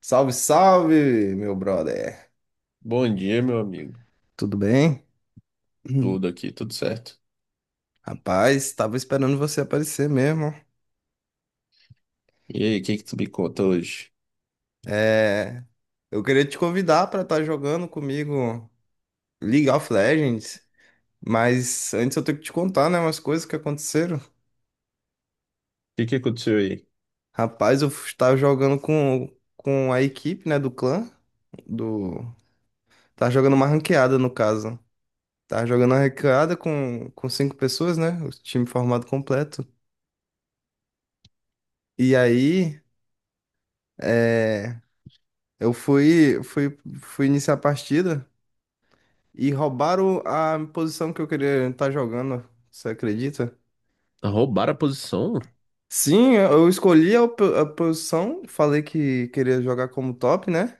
Salve, salve, meu brother. Bom dia, meu amigo. Tudo bem? Hum. Tudo aqui, tudo certo. Rapaz, tava esperando você aparecer mesmo. E aí, o que que tu me conta hoje? É, eu queria te convidar pra estar jogando comigo League of Legends, mas antes eu tenho que te contar, né, umas coisas que aconteceram. O que que aconteceu aí? Rapaz, eu estava jogando com a equipe, né, do clã, do... Tava jogando uma ranqueada, no caso. Tava jogando uma ranqueada com 5 pessoas, né, o time formado completo. E aí... é Eu fui iniciar a partida e roubaram a posição que eu queria estar jogando. Você acredita? Roubar a posição? Sim, eu escolhi a posição, falei que queria jogar como top, né?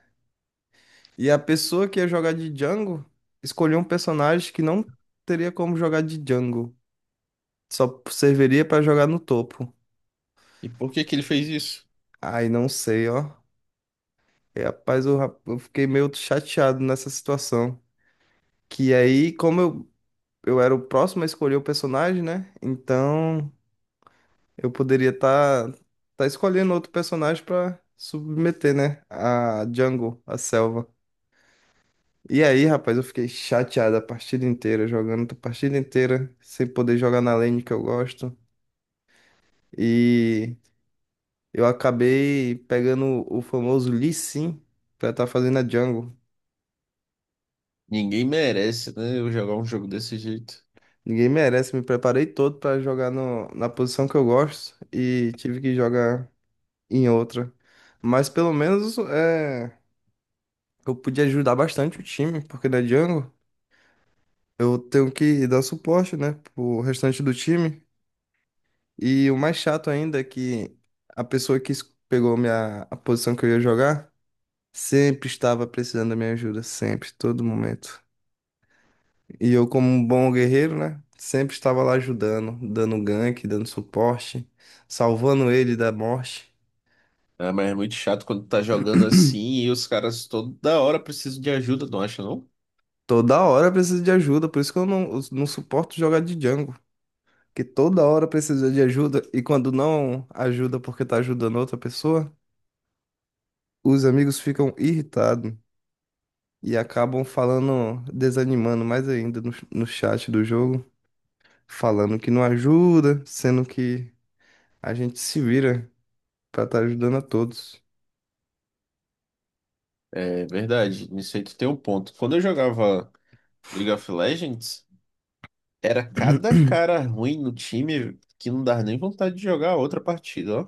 E a pessoa que ia jogar de Django escolheu um personagem que não teria como jogar de Django, só serviria pra jogar no topo. E por que que ele fez isso? Ai, não sei, ó. E, rapaz, eu fiquei meio chateado nessa situação. Que aí, como eu era o próximo a escolher o personagem, né? Então eu poderia tá escolhendo outro personagem pra submeter, né? A jungle, a selva. E aí, rapaz, eu fiquei chateado a partida inteira, jogando a partida inteira, sem poder jogar na lane que eu gosto. E eu acabei pegando o famoso Lee Sin pra estar fazendo a jungle. Ninguém merece, né? Eu jogar um jogo desse jeito. Ninguém merece, me preparei todo pra jogar no, na posição que eu gosto e tive que jogar em outra. Mas pelo menos eu podia ajudar bastante o time, porque na Django eu tenho que dar suporte, né, pro restante do time. E o mais chato ainda é que a pessoa que es- pegou a posição que eu ia jogar sempre estava precisando da minha ajuda, sempre, todo momento. E eu, como um bom guerreiro, né, sempre estava lá ajudando, dando gank, dando suporte, salvando ele da morte. Ah, mas é muito chato quando tá jogando assim e os caras toda hora precisam de ajuda, não acha, não? Toda hora eu preciso de ajuda, por isso que eu não suporto jogar de Django, que toda hora precisa de ajuda e quando não ajuda porque tá ajudando outra pessoa, os amigos ficam irritados e acabam falando, desanimando mais ainda no chat do jogo, falando que não ajuda, sendo que a gente se vira pra estar ajudando a todos. É verdade, nisso aí tu tem um ponto. Quando eu jogava League of Legends, era cada cara ruim no time que não dava nem vontade de jogar outra partida, ó.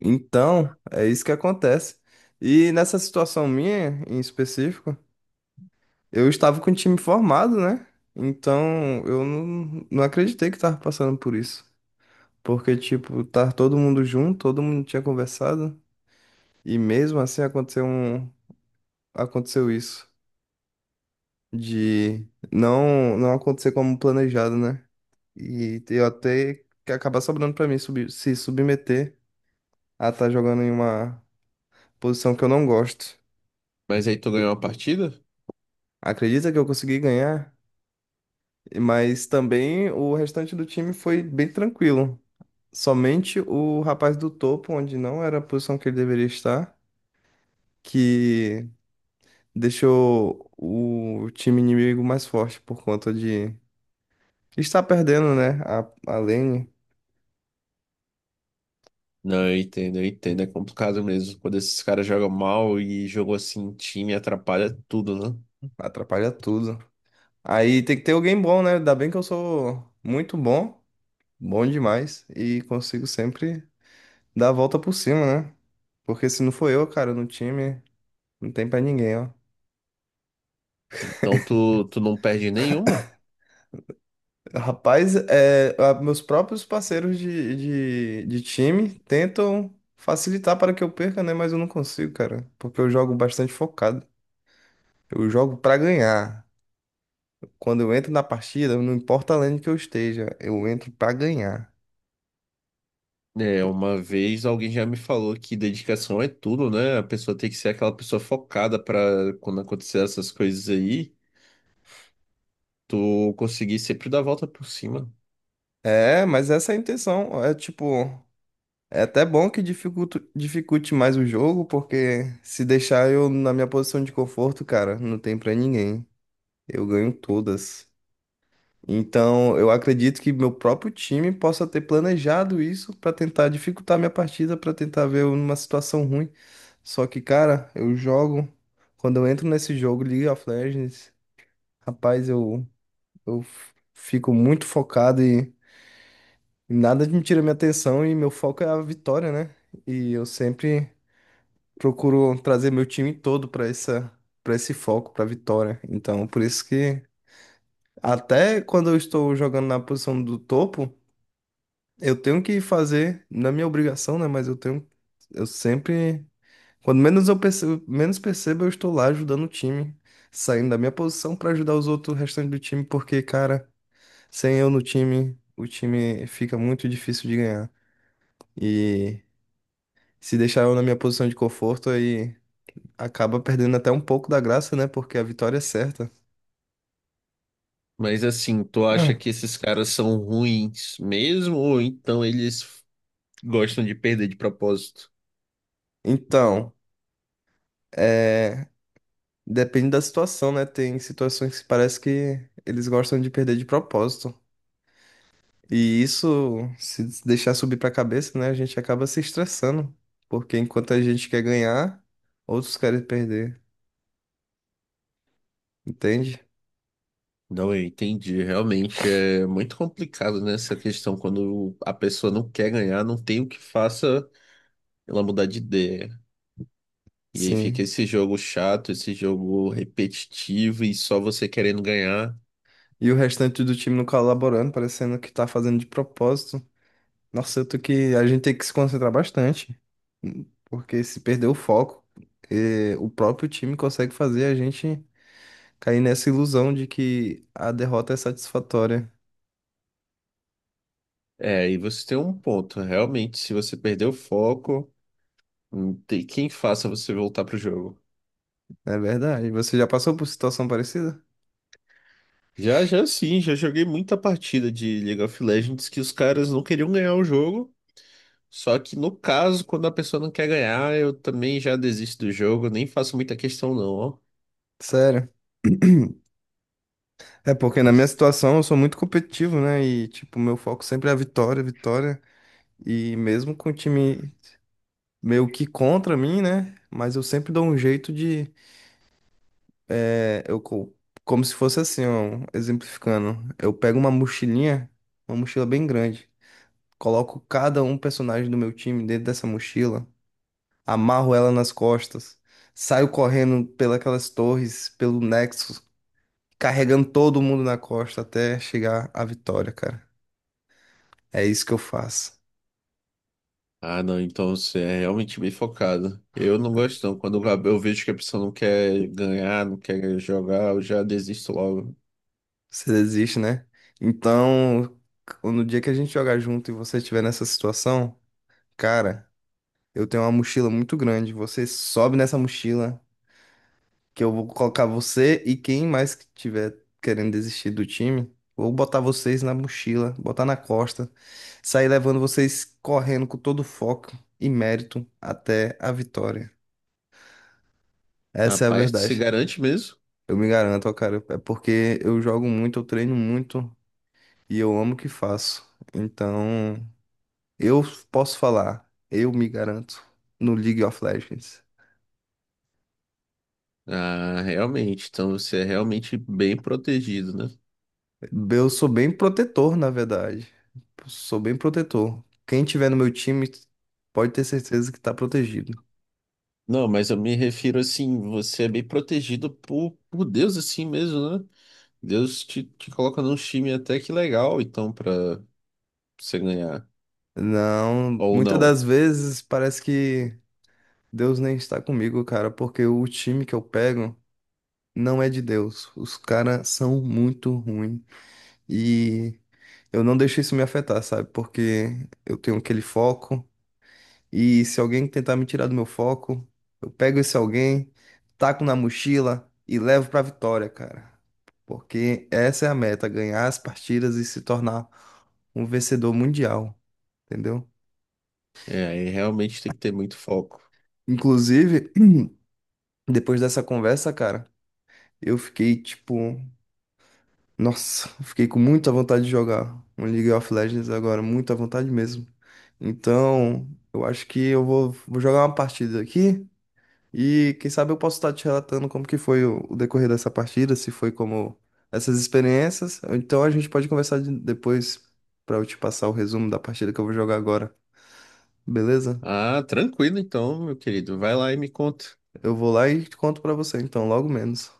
Então, é isso que acontece. E nessa situação minha, em específico, eu estava com o time formado, né? Então, eu não, não acreditei que estava passando por isso. Porque, tipo, tá todo mundo junto, todo mundo tinha conversado, e mesmo assim aconteceu isso, de não acontecer como planejado, né? E eu até que acabar sobrando pra mim subi- se submeter a estar jogando em uma posição que eu não gosto. Mas aí tu ganhou uma partida? Acredita que eu consegui ganhar, mas também o restante do time foi bem tranquilo. Somente o rapaz do topo, onde não era a posição que ele deveria estar, que deixou o time inimigo mais forte por conta de estar perdendo, né? A lane Não, eu entendo, eu entendo. É complicado mesmo. Quando esses caras jogam mal e jogo assim, em time atrapalha tudo, né? atrapalha tudo. Aí tem que ter alguém bom, né? Ainda bem que eu sou muito bom, bom demais, e consigo sempre dar a volta por cima, né? Porque se não for eu, cara, no time, não tem pra ninguém, ó. Então tu não perde nenhuma. Rapaz, meus próprios parceiros de time tentam facilitar para que eu perca, né? Mas eu não consigo, cara, porque eu jogo bastante focado. Eu jogo pra ganhar. Quando eu entro na partida, não importa a lane que eu esteja, eu entro pra ganhar. É, uma vez alguém já me falou que dedicação é tudo, né? A pessoa tem que ser aquela pessoa focada pra quando acontecer essas coisas aí, tu conseguir sempre dar a volta por cima. É, mas essa é a intenção. É tipo, é até bom que dificulte mais o jogo, porque se deixar eu na minha posição de conforto, cara, não tem pra ninguém. Eu ganho todas. Então, eu acredito que meu próprio time possa ter planejado isso pra tentar dificultar minha partida, pra tentar ver eu numa situação ruim. Só que, cara, eu jogo. Quando eu entro nesse jogo, League of Legends. Rapaz, eu fico muito focado e nada me tira minha atenção e meu foco é a vitória, né? E eu sempre procuro trazer meu time todo para para esse foco, para vitória. Então, por isso que até quando eu estou jogando na posição do topo, eu tenho que fazer, na minha obrigação, né? Mas eu tenho, eu sempre, quando menos percebo, eu estou lá ajudando o time, saindo da minha posição para ajudar os outros restantes do time, porque, cara, sem eu no time, o time fica muito difícil de ganhar. E se deixar eu na minha posição de conforto, aí acaba perdendo até um pouco da graça, né? Porque a vitória é certa. Mas assim, tu acha Ah. que esses caras são ruins mesmo, ou então eles gostam de perder de propósito? Então, é... depende da situação, né? Tem situações que parece que eles gostam de perder de propósito. E isso, se deixar subir pra cabeça, né? A gente acaba se estressando. Porque enquanto a gente quer ganhar, outros querem perder. Entende? Não, eu entendi. Realmente é muito complicado, né, essa questão quando a pessoa não quer ganhar, não tem o que faça ela mudar de ideia. E aí fica Sim. esse jogo chato, esse jogo repetitivo e só você querendo ganhar. E o restante do time não colaborando, parecendo que tá fazendo de propósito. Nossa, eu tô que. A gente tem que se concentrar bastante. Porque se perder o foco, o próprio time consegue fazer a gente cair nessa ilusão de que a derrota é satisfatória. É, e você tem um ponto. Realmente, se você perder o foco, não tem quem faça você voltar pro jogo. É verdade. Você já passou por situação parecida? Já, já sim, já joguei muita partida de League of Legends que os caras não queriam ganhar o jogo. Só que no caso, quando a pessoa não quer ganhar, eu também já desisto do jogo, nem faço muita questão não, ó. Sério. É porque na minha situação eu sou muito competitivo, né? E, tipo, meu foco sempre é a vitória, vitória. E mesmo com o time meio que contra mim, né? Mas eu sempre dou um jeito de. É, eu, co- como se fosse assim, ó, exemplificando. Eu pego uma mochilinha, uma mochila bem grande, coloco cada um personagem do meu time dentro dessa mochila, amarro ela nas costas, saio correndo pelas torres, pelo Nexus, carregando todo mundo na costa até chegar à vitória, cara. É isso que eu faço. Ah, não, então você é realmente bem focado. Eu não gosto não, quando eu vejo que a pessoa não quer ganhar, não quer jogar, eu já desisto logo. Você desiste, né? Então, no dia que a gente jogar junto e você estiver nessa situação, cara. Eu tenho uma mochila muito grande. Você sobe nessa mochila, que eu vou colocar você e quem mais que tiver querendo desistir do time, vou botar vocês na mochila, botar na costa, sair levando vocês correndo com todo foco e mérito até a vitória. Essa é a Rapaz, tu se verdade. garante mesmo? Eu me garanto, ó, cara, é porque eu jogo muito, eu treino muito e eu amo o que faço. Então, eu posso falar, eu me garanto no League of Legends. Ah, realmente, então você é realmente bem protegido, né? Eu sou bem protetor, na verdade. Sou bem protetor. Quem tiver no meu time pode ter certeza que tá protegido. Não, mas eu me refiro assim, você é bem protegido por Deus assim mesmo, né? Deus te coloca num time até que legal, então, pra você ganhar. Não, Ou muitas não. das vezes parece que Deus nem está comigo, cara, porque o time que eu pego não é de Deus. Os caras são muito ruins. E eu não deixo isso me afetar, sabe? Porque eu tenho aquele foco. E se alguém tentar me tirar do meu foco, eu pego esse alguém, taco na mochila e levo pra vitória, cara. Porque essa é a meta, ganhar as partidas e se tornar um vencedor mundial, entendeu? É, aí realmente tem que ter muito foco. Inclusive, depois dessa conversa, cara, eu fiquei tipo, nossa, eu fiquei com muita vontade de jogar um League of Legends agora, muita vontade mesmo. Então, eu acho que vou jogar uma partida aqui. E quem sabe eu posso estar te relatando como que foi o decorrer dessa partida, se foi como essas experiências. Ou então a gente pode conversar depois pra eu te passar o resumo da partida que eu vou jogar agora, beleza? Ah, tranquilo então, meu querido. Vai lá e me conta. Eu vou lá e te conto pra você, então, logo menos.